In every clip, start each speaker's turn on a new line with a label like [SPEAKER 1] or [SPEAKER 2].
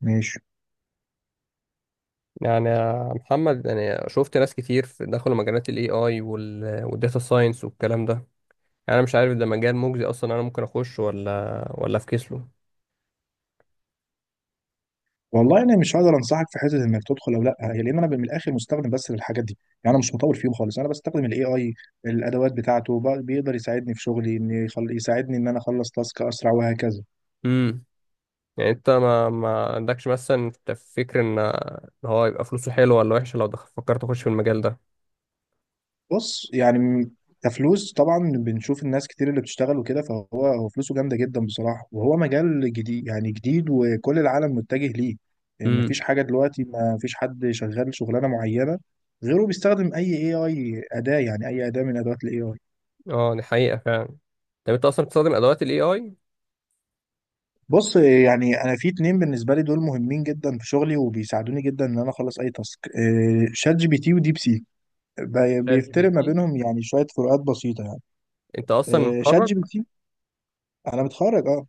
[SPEAKER 1] ماشي.
[SPEAKER 2] يعني يا محمد، انا شفت ناس كتير دخلوا مجالات الاي اي والداتا ساينس والكلام ده. يعني انا مش عارف ده مجال مجزي اصلا، انا ممكن اخش ولا افكس له.
[SPEAKER 1] والله انا مش هقدر انصحك في حته انك تدخل او لا هي، لان انا من الاخر مستخدم بس للحاجات دي. يعني انا مش مطور فيهم خالص، انا بستخدم الاي اي الادوات بتاعته. بيقدر يساعدني في شغلي ان يساعدني ان انا اخلص تاسك اسرع وهكذا.
[SPEAKER 2] امم. يعني انت ما عندكش، مثلا انت فكر إن هو يبقى فلوسه حلوه ولا وحشه لو دخل، فكرت اخش في المجال ده؟
[SPEAKER 1] بص يعني كفلوس طبعا بنشوف الناس كتير اللي بتشتغل وكده، فهو فلوسه جامده جدا بصراحه، وهو مجال جديد، يعني جديد وكل العالم متجه ليه. يعني
[SPEAKER 2] امم.
[SPEAKER 1] مفيش حاجه دلوقتي، مفيش حد شغال شغلانه معينه غيره بيستخدم اي اي اي اداه، يعني اي اداه من ادوات الاي اي.
[SPEAKER 2] اه دي حقيقه فعلا. طب انت اصلا بتستخدم ادوات الاي اي؟
[SPEAKER 1] بص يعني انا في اتنين بالنسبه لي دول مهمين جدا في شغلي، وبيساعدوني جدا ان انا اخلص اي تاسك، شات جي بي تي وديب سيك.
[SPEAKER 2] شات جي بي
[SPEAKER 1] بيفترق ما
[SPEAKER 2] تي.
[SPEAKER 1] بينهم يعني شويه فروقات بسيطه يعني.
[SPEAKER 2] انت اصلا
[SPEAKER 1] شات
[SPEAKER 2] متخرج؟
[SPEAKER 1] جي بي تي. انا متخرج اه.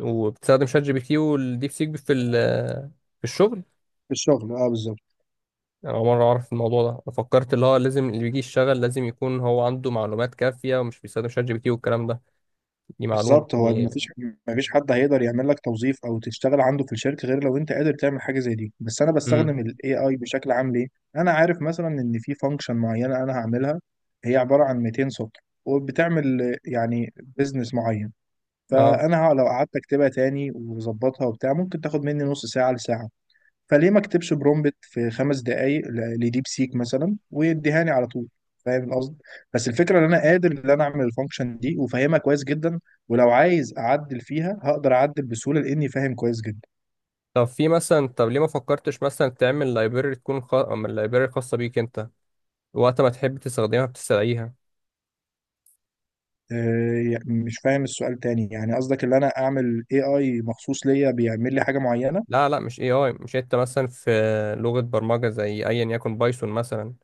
[SPEAKER 2] وبتستخدم شات جي بي تي والديب سيك في الشغل.
[SPEAKER 1] في الشغل اه بالظبط.
[SPEAKER 2] انا أول مره اعرف الموضوع ده، انا فكرت اللي هو لازم اللي بيجي يشتغل لازم يكون هو عنده معلومات كافيه ومش بيستخدم شات جي بي تي والكلام ده، دي معلومه
[SPEAKER 1] بالظبط. هو ما
[SPEAKER 2] يعني.
[SPEAKER 1] فيش ما فيش حد هيقدر يعمل لك توظيف او تشتغل عنده في الشركه غير لو انت قادر تعمل حاجه زي دي. بس انا
[SPEAKER 2] امم.
[SPEAKER 1] بستخدم الاي اي بشكل عام ليه؟ انا عارف مثلا ان في فانكشن معينه انا هعملها، هي عباره عن 200 سطر وبتعمل، يعني بزنس معين.
[SPEAKER 2] اه.
[SPEAKER 1] فانا لو قعدت اكتبها تاني وظبطها وبتاع ممكن تاخد مني نص ساعه لساعه. فليه ما اكتبش برومبت في خمس دقائق لديب سيك مثلا ويديهاني على طول؟ فاهم القصد. بس الفكره ان انا قادر ان انا اعمل الفانكشن دي وفاهمها كويس جدا، ولو عايز اعدل فيها هقدر اعدل بسهوله لاني فاهم كويس جدا.
[SPEAKER 2] طب ليه ما فكرتش مثلا تعمل لايبرري من اللايبرري خاصه بيك انت، وقت ما تحب تستخدمها بتستدعيها؟
[SPEAKER 1] يعني مش فاهم السؤال تاني. يعني قصدك ان انا اعمل اي اي مخصوص ليا بيعمل لي حاجه معينه؟
[SPEAKER 2] لا، لا، مش اي اي مش، انت مثلا في لغه برمجه زي ايا يكن بايثون مثلا،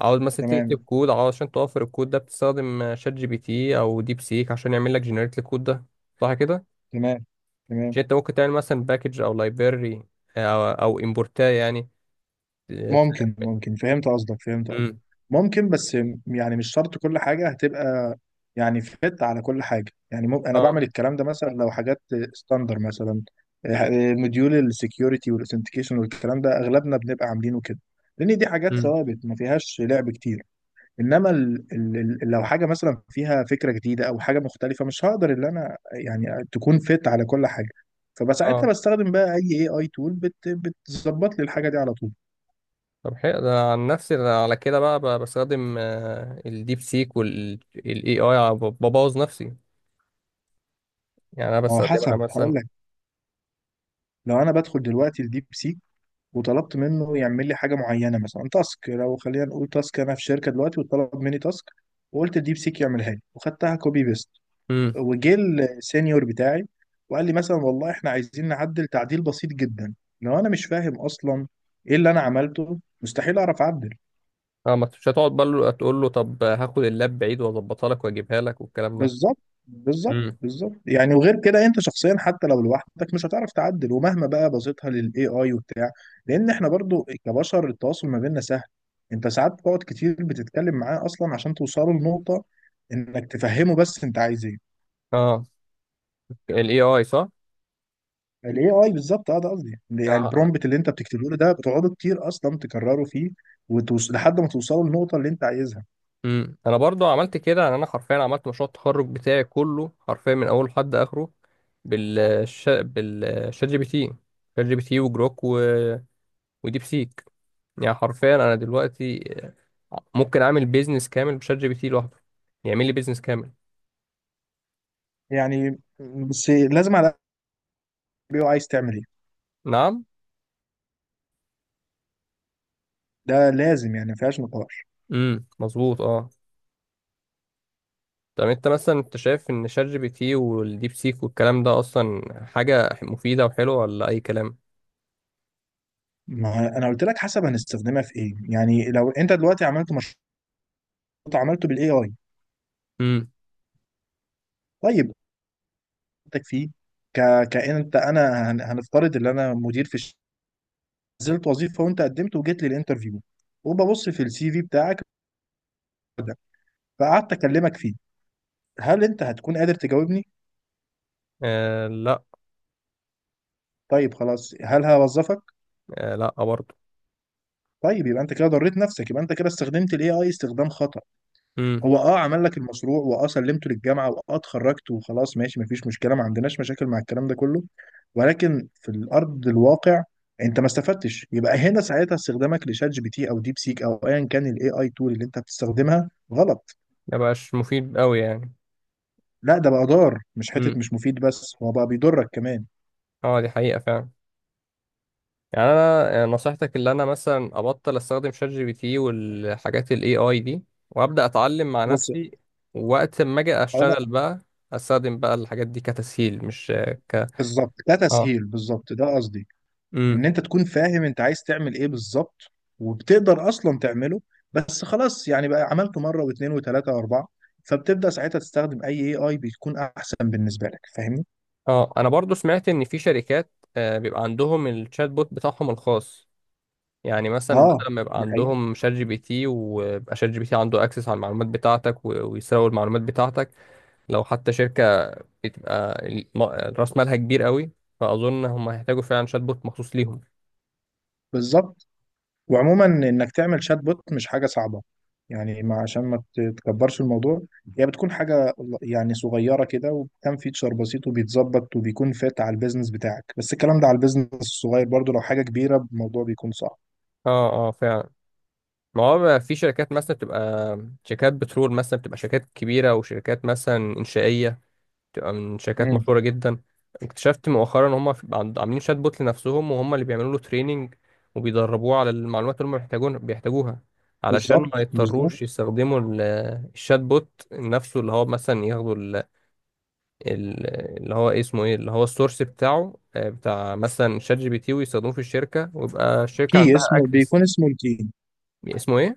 [SPEAKER 2] عاوز مثلا تكتب
[SPEAKER 1] تمام.
[SPEAKER 2] كود عشان توفر الكود ده، بتستخدم شات جي بي تي او ديب سيك عشان يعمل لك جنريت الكود ده، صح كده؟
[SPEAKER 1] تمام.
[SPEAKER 2] مش
[SPEAKER 1] تمام.
[SPEAKER 2] انت ممكن تعمل مثلا باكج او لايبرري، او امبورتاه يعني؟
[SPEAKER 1] ممكن. ممكن فهمت قصدك. فهمت قصدك.
[SPEAKER 2] امم.
[SPEAKER 1] ممكن، بس يعني مش شرط كل حاجة هتبقى، يعني فت على كل حاجة. يعني ممكن أنا بعمل
[SPEAKER 2] اه.
[SPEAKER 1] الكلام ده مثلا لو حاجات ستاندر مثلا، مديول السكيورتي والاثنتيكيشن والكلام ده أغلبنا بنبقى عاملينه كده، لأن دي حاجات
[SPEAKER 2] امم.
[SPEAKER 1] ثوابت ما فيهاش لعب كتير. إنما لو حاجة مثلا فيها فكرة جديدة أو حاجة مختلفة مش هقدر إن أنا يعني تكون فت على كل حاجة. فبساعتها
[SPEAKER 2] اه.
[SPEAKER 1] بستخدم بقى أي AI تول بت بتظبط لي الحاجة دي على طول.
[SPEAKER 2] طب حلو، ده عن نفسي ده على كده بقى بستخدم الديب سيك والاي اي ببوظ نفسي، يعني انا
[SPEAKER 1] ما هو
[SPEAKER 2] بستخدمها
[SPEAKER 1] حسب، هقول
[SPEAKER 2] مثلا.
[SPEAKER 1] لك. لو انا بدخل دلوقتي الديب سيك وطلبت منه يعمل لي حاجه معينه، مثلا تاسك، لو خلينا نقول تاسك انا في شركه دلوقتي وطلب مني تاسك، وقلت الديب سيك يعملها لي وخدتها كوبي بيست،
[SPEAKER 2] امم.
[SPEAKER 1] وجه السينيور بتاعي وقال لي مثلا والله احنا عايزين نعدل تعديل بسيط جدا، لو انا مش فاهم اصلا ايه اللي انا عملته مستحيل اعرف اعدل.
[SPEAKER 2] اه. ما مش هتقعد بقى تقول له طب هاخد اللاب بعيد واظبطها لك واجيبها لك والكلام ده.
[SPEAKER 1] بالظبط. بالظبط
[SPEAKER 2] امم.
[SPEAKER 1] بالظبط يعني. وغير كده انت شخصيا حتى لو لوحدك مش هتعرف تعدل، ومهما بقى بسيطها للاي اي وبتاع، لان احنا برضو كبشر التواصل ما بيننا سهل. انت ساعات بتقعد كتير بتتكلم معاه اصلا عشان توصلوا لنقطة انك تفهمه بس انت عايز ايه.
[SPEAKER 2] اه. الاي اي، صح؟
[SPEAKER 1] الاي اي بالظبط، اه ده قصدي. يعني
[SPEAKER 2] انا
[SPEAKER 1] البرومبت اللي انت بتكتبه له ده بتقعدوا كتير اصلا تكرروا فيه لحد ما توصلوا للنقطة اللي انت عايزها.
[SPEAKER 2] انا برضو عملت كده، يعني انا حرفيا عملت مشروع التخرج بتاعي كله حرفيا من اوله لحد اخره، بالشات جي بي تي. شات جي بي تي وجروك وديب سيك. يعني حرفيا انا دلوقتي ممكن اعمل بيزنس كامل بشات جي بي تي لوحده، يعمل لي بيزنس كامل.
[SPEAKER 1] يعني بس لازم على الاقل عايز تعمل ايه،
[SPEAKER 2] نعم.
[SPEAKER 1] ده لازم، يعني ما فيهاش نقاش.
[SPEAKER 2] امم، مظبوط، اه. طب انت مثلا، انت شايف ان شات جي بي تي والديب سيك والكلام ده اصلا حاجة مفيدة وحلوة ولا اي كلام؟
[SPEAKER 1] ما انا قلت لك، حسب هنستخدمها في ايه. يعني لو انت دلوقتي عملت مشروع، عملته بالاي اي،
[SPEAKER 2] امم.
[SPEAKER 1] طيب انتك فيه، ك... كأن انت، هنفترض ان انا مدير في الشركه، نزلت وظيفه وانت قدمت وجيت لي الانترفيو، وببص في السي في بتاعك ده، فقعدت اكلمك فيه، هل انت هتكون قادر تجاوبني؟
[SPEAKER 2] آه لا.
[SPEAKER 1] طيب خلاص، هل هوظفك؟
[SPEAKER 2] آه لا برضو.
[SPEAKER 1] طيب يبقى انت كده ضريت نفسك، يبقى انت كده استخدمت الاي اي استخدام خطأ. هو اه عمل لك المشروع واه سلمته للجامعه واه اتخرجت وخلاص، ماشي مفيش مشكله، ما عندناش مشاكل مع الكلام ده كله، ولكن في الارض الواقع انت ما استفدتش. يبقى هنا ساعتها استخدامك لشات جي بي تي او ديب سيك او ايا كان الاي اي تول اللي انت بتستخدمها غلط.
[SPEAKER 2] ما بقاش مفيد قوي يعني.
[SPEAKER 1] لا، ده بقى ضار مش حته
[SPEAKER 2] امم.
[SPEAKER 1] مش مفيد بس، هو بقى بيضرك كمان.
[SPEAKER 2] اه، دي حقيقة فعلا. يعني انا، يعني نصيحتك اللي انا مثلا ابطل استخدم شات جي بي تي والحاجات الاي اي دي، وابدا اتعلم مع
[SPEAKER 1] بص
[SPEAKER 2] نفسي، وقت ما اجي
[SPEAKER 1] هو
[SPEAKER 2] اشتغل بقى استخدم بقى الحاجات دي كتسهيل، مش ك
[SPEAKER 1] بالظبط ده
[SPEAKER 2] اه.
[SPEAKER 1] تسهيل، بالظبط ده قصدي، ان
[SPEAKER 2] امم.
[SPEAKER 1] انت تكون فاهم انت عايز تعمل ايه بالظبط وبتقدر اصلا تعمله. بس خلاص يعني بقى عملته مره واثنين وثلاثه واربعه، فبتبدا ساعتها تستخدم اي اي اي بيكون احسن بالنسبه لك. فاهمني؟
[SPEAKER 2] اه، انا برضو سمعت ان في شركات بيبقى عندهم الشات بوت بتاعهم الخاص، يعني مثلا
[SPEAKER 1] اه
[SPEAKER 2] بدل ما يبقى
[SPEAKER 1] دي حقيقة.
[SPEAKER 2] عندهم شات جي بي تي ويبقى شات جي بي تي عنده اكسس على المعلومات بتاعتك ويسرق المعلومات بتاعتك. لو حتى شركة بتبقى راس مالها كبير قوي، فاظن هم هيحتاجوا فعلا شات بوت مخصوص ليهم.
[SPEAKER 1] بالظبط. وعموما انك تعمل شات بوت مش حاجه صعبه، يعني ما عشان ما تكبرش الموضوع، هي بتكون حاجه يعني صغيره كده، وكم فيتشر بسيط وبيتظبط وبيكون فات على البيزنس بتاعك. بس الكلام ده على البيزنس الصغير، برضو لو حاجه كبيره الموضوع بيكون صعب.
[SPEAKER 2] اه، اه فعلا. ما هو بقى في شركات مثلا بتبقى شركات بترول مثلا، بتبقى شركات كبيره، وشركات مثلا انشائيه بتبقى من شركات
[SPEAKER 1] امم.
[SPEAKER 2] مشهوره جدا. اكتشفت مؤخرا ان هم عاملين شات بوت لنفسهم، وهم اللي بيعملوا له تريننج وبيدربوه على المعلومات اللي هم بيحتاجوها، علشان ما
[SPEAKER 1] بالظبط
[SPEAKER 2] يضطروش
[SPEAKER 1] بالظبط
[SPEAKER 2] يستخدموا الشات بوت نفسه، اللي هو مثلا ياخدوا ال- اللي هو إيه اسمه ايه، اللي هو السورس بتاعه، بتاع مثلا شات جي بي تي، ويستخدموه في الشركه ويبقى الشركه
[SPEAKER 1] كي
[SPEAKER 2] عندها
[SPEAKER 1] اسمه،
[SPEAKER 2] اكسس.
[SPEAKER 1] بيكون اسمه الكي.
[SPEAKER 2] اسمه ايه؟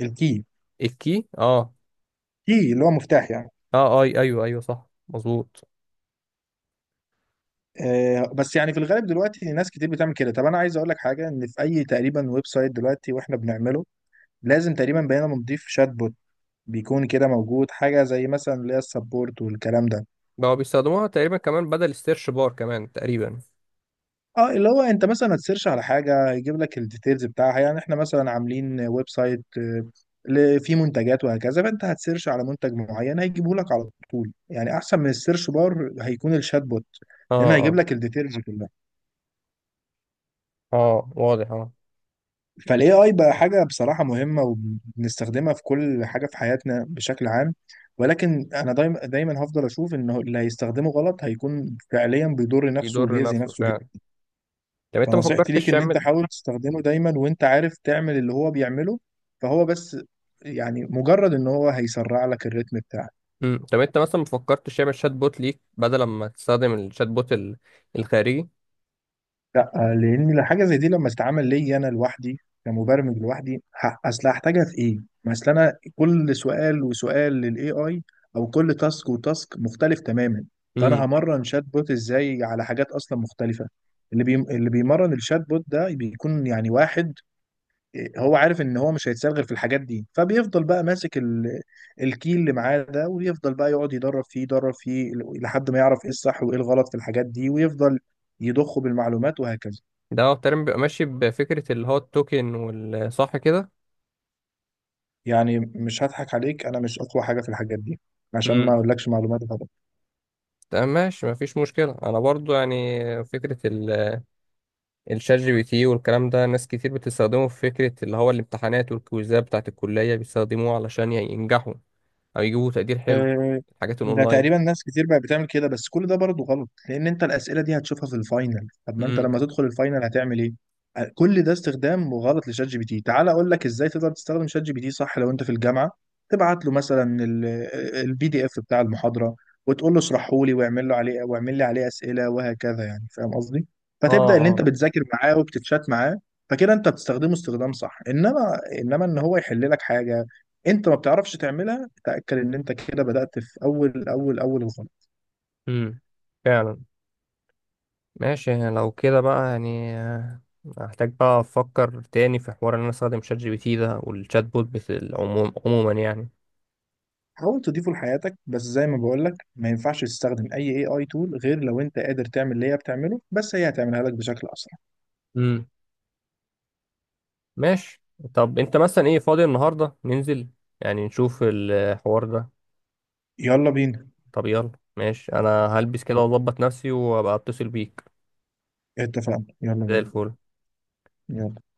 [SPEAKER 1] الكي،
[SPEAKER 2] الكي. اه.
[SPEAKER 1] كي اللي هو مفتاح يعني.
[SPEAKER 2] اه، اي، ايوه، ايوه، صح، مظبوط.
[SPEAKER 1] آه، بس يعني في الغالب دلوقتي ناس كتير بتعمل كده. طب انا عايز اقول لك حاجه، ان في اي تقريبا ويب سايت دلوقتي واحنا بنعمله لازم تقريبا بقينا بنضيف شات بوت، بيكون كده موجود حاجه زي مثلا اللي هي السبورت والكلام ده.
[SPEAKER 2] بقوا بيستخدموها تقريبا كمان بدل السيرش بار كمان تقريبا.
[SPEAKER 1] اه اللي هو انت مثلا هتسيرش على حاجه يجيب لك الديتيلز بتاعها، يعني احنا مثلا عاملين ويب سايت، فيه منتجات وهكذا، فانت هتسيرش على منتج معين هيجيبه لك على طول، يعني احسن من السيرش بار هيكون الشات بوت،
[SPEAKER 2] اه.
[SPEAKER 1] لان هيجيب
[SPEAKER 2] اه.
[SPEAKER 1] لك الديتيلز كلها.
[SPEAKER 2] اه، واضح. اه.
[SPEAKER 1] فالاي اي بقى حاجه بصراحه مهمه، وبنستخدمها في كل حاجه في حياتنا بشكل عام. ولكن انا دايما هفضل اشوف انه اللي هيستخدمه غلط هيكون فعليا بيضر نفسه
[SPEAKER 2] يضر
[SPEAKER 1] وبيأذي
[SPEAKER 2] نفسه
[SPEAKER 1] نفسه.
[SPEAKER 2] فعلا. طب انت ما
[SPEAKER 1] فنصيحتي ليك
[SPEAKER 2] فكرتش
[SPEAKER 1] ان انت
[SPEAKER 2] تعمل
[SPEAKER 1] حاول تستخدمه دايما وانت عارف تعمل اللي هو بيعمله، فهو بس يعني مجرد ان هو هيسرع لك الريتم بتاعك.
[SPEAKER 2] مم. طب انت مثلا ما فكرتش تعمل شات بوت ليك بدل ما تستخدم الشات بوت الخارجي؟
[SPEAKER 1] لا، لان حاجه زي دي لما تتعمل لي انا لوحدي كمبرمج لوحدي، اصل هحتاجها في ايه؟ ما اصل انا كل سؤال وسؤال للاي اي او كل تاسك وتاسك مختلف تماما. فانا
[SPEAKER 2] امم.
[SPEAKER 1] همرن شات بوت ازاي على حاجات اصلا مختلفه؟ اللي اللي بيمرن الشات بوت ده بيكون يعني واحد هو عارف ان هو مش هيتسال غير في الحاجات دي، فبيفضل بقى ماسك الكيل اللي معاه ده ويفضل بقى يقعد يدرب فيه لحد ما يعرف ايه الصح وايه الغلط في الحاجات دي، ويفضل يضخه بالمعلومات وهكذا.
[SPEAKER 2] ده هو تقريبا بيبقى ماشي بفكره اللي هو التوكن، والصح كده.
[SPEAKER 1] يعني مش هضحك عليك، انا مش اقوى حاجه في الحاجات دي عشان ما اقولكش معلومات.
[SPEAKER 2] تمام، ماشي، مفيش مشكلة. أنا برضو يعني فكرة الشات جي بي تي والكلام ده، ناس كتير بتستخدمه في فكرة اللي هو الامتحانات والكويزات بتاعة الكلية، بيستخدموه علشان يعني ينجحوا أو يجيبوا تقدير حلو،
[SPEAKER 1] آه،
[SPEAKER 2] الحاجات
[SPEAKER 1] ده
[SPEAKER 2] الأونلاين.
[SPEAKER 1] تقريبا ناس كتير بقت بتعمل كده، بس كل ده برضه غلط لان انت الاسئله دي هتشوفها في الفاينل. طب ما انت
[SPEAKER 2] امم.
[SPEAKER 1] لما تدخل الفاينل هتعمل ايه؟ كل ده استخدام غلط لشات جي بي تي. تعال اقول لك ازاي تقدر تستخدم شات جي بي تي صح. لو انت في الجامعه، تبعت له مثلا البي دي اف بتاع المحاضره وتقول له اشرحه لي، واعمل له عليه، واعمل لي عليه اسئله وهكذا. يعني فاهم قصدي؟
[SPEAKER 2] اه.
[SPEAKER 1] فتبدا ان انت
[SPEAKER 2] اه.
[SPEAKER 1] بتذاكر معاه وبتتشات معاه، فكده انت بتستخدمه استخدام صح. انما ان هو يحل لك حاجه انت ما بتعرفش تعملها، تأكد إن أنت كده بدأت في أول الخط.
[SPEAKER 2] امم، فعلا. ماشي، لو كده بقى يعني هحتاج بقى أفكر تاني في حوار إن أنا أستخدم شات جي بي تي ده والشات بوت، عموما يعني.
[SPEAKER 1] حاول تضيفه لحياتك، بس زي ما بقولك ما ينفعش تستخدم أي AI tool غير لو أنت قادر تعمل اللي هي بتعمله، بس هي هتعملها لك بشكل أسرع.
[SPEAKER 2] امم. ماشي. طب أنت مثلا، إيه فاضي النهاردة ننزل يعني نشوف الحوار ده؟
[SPEAKER 1] يلا بينا.
[SPEAKER 2] طب يلا. ماشي، انا هلبس كده واظبط نفسي وابقى اتصل بيك.
[SPEAKER 1] اتفقنا، يلا
[SPEAKER 2] زي
[SPEAKER 1] بينا.
[SPEAKER 2] الفل.
[SPEAKER 1] يلا.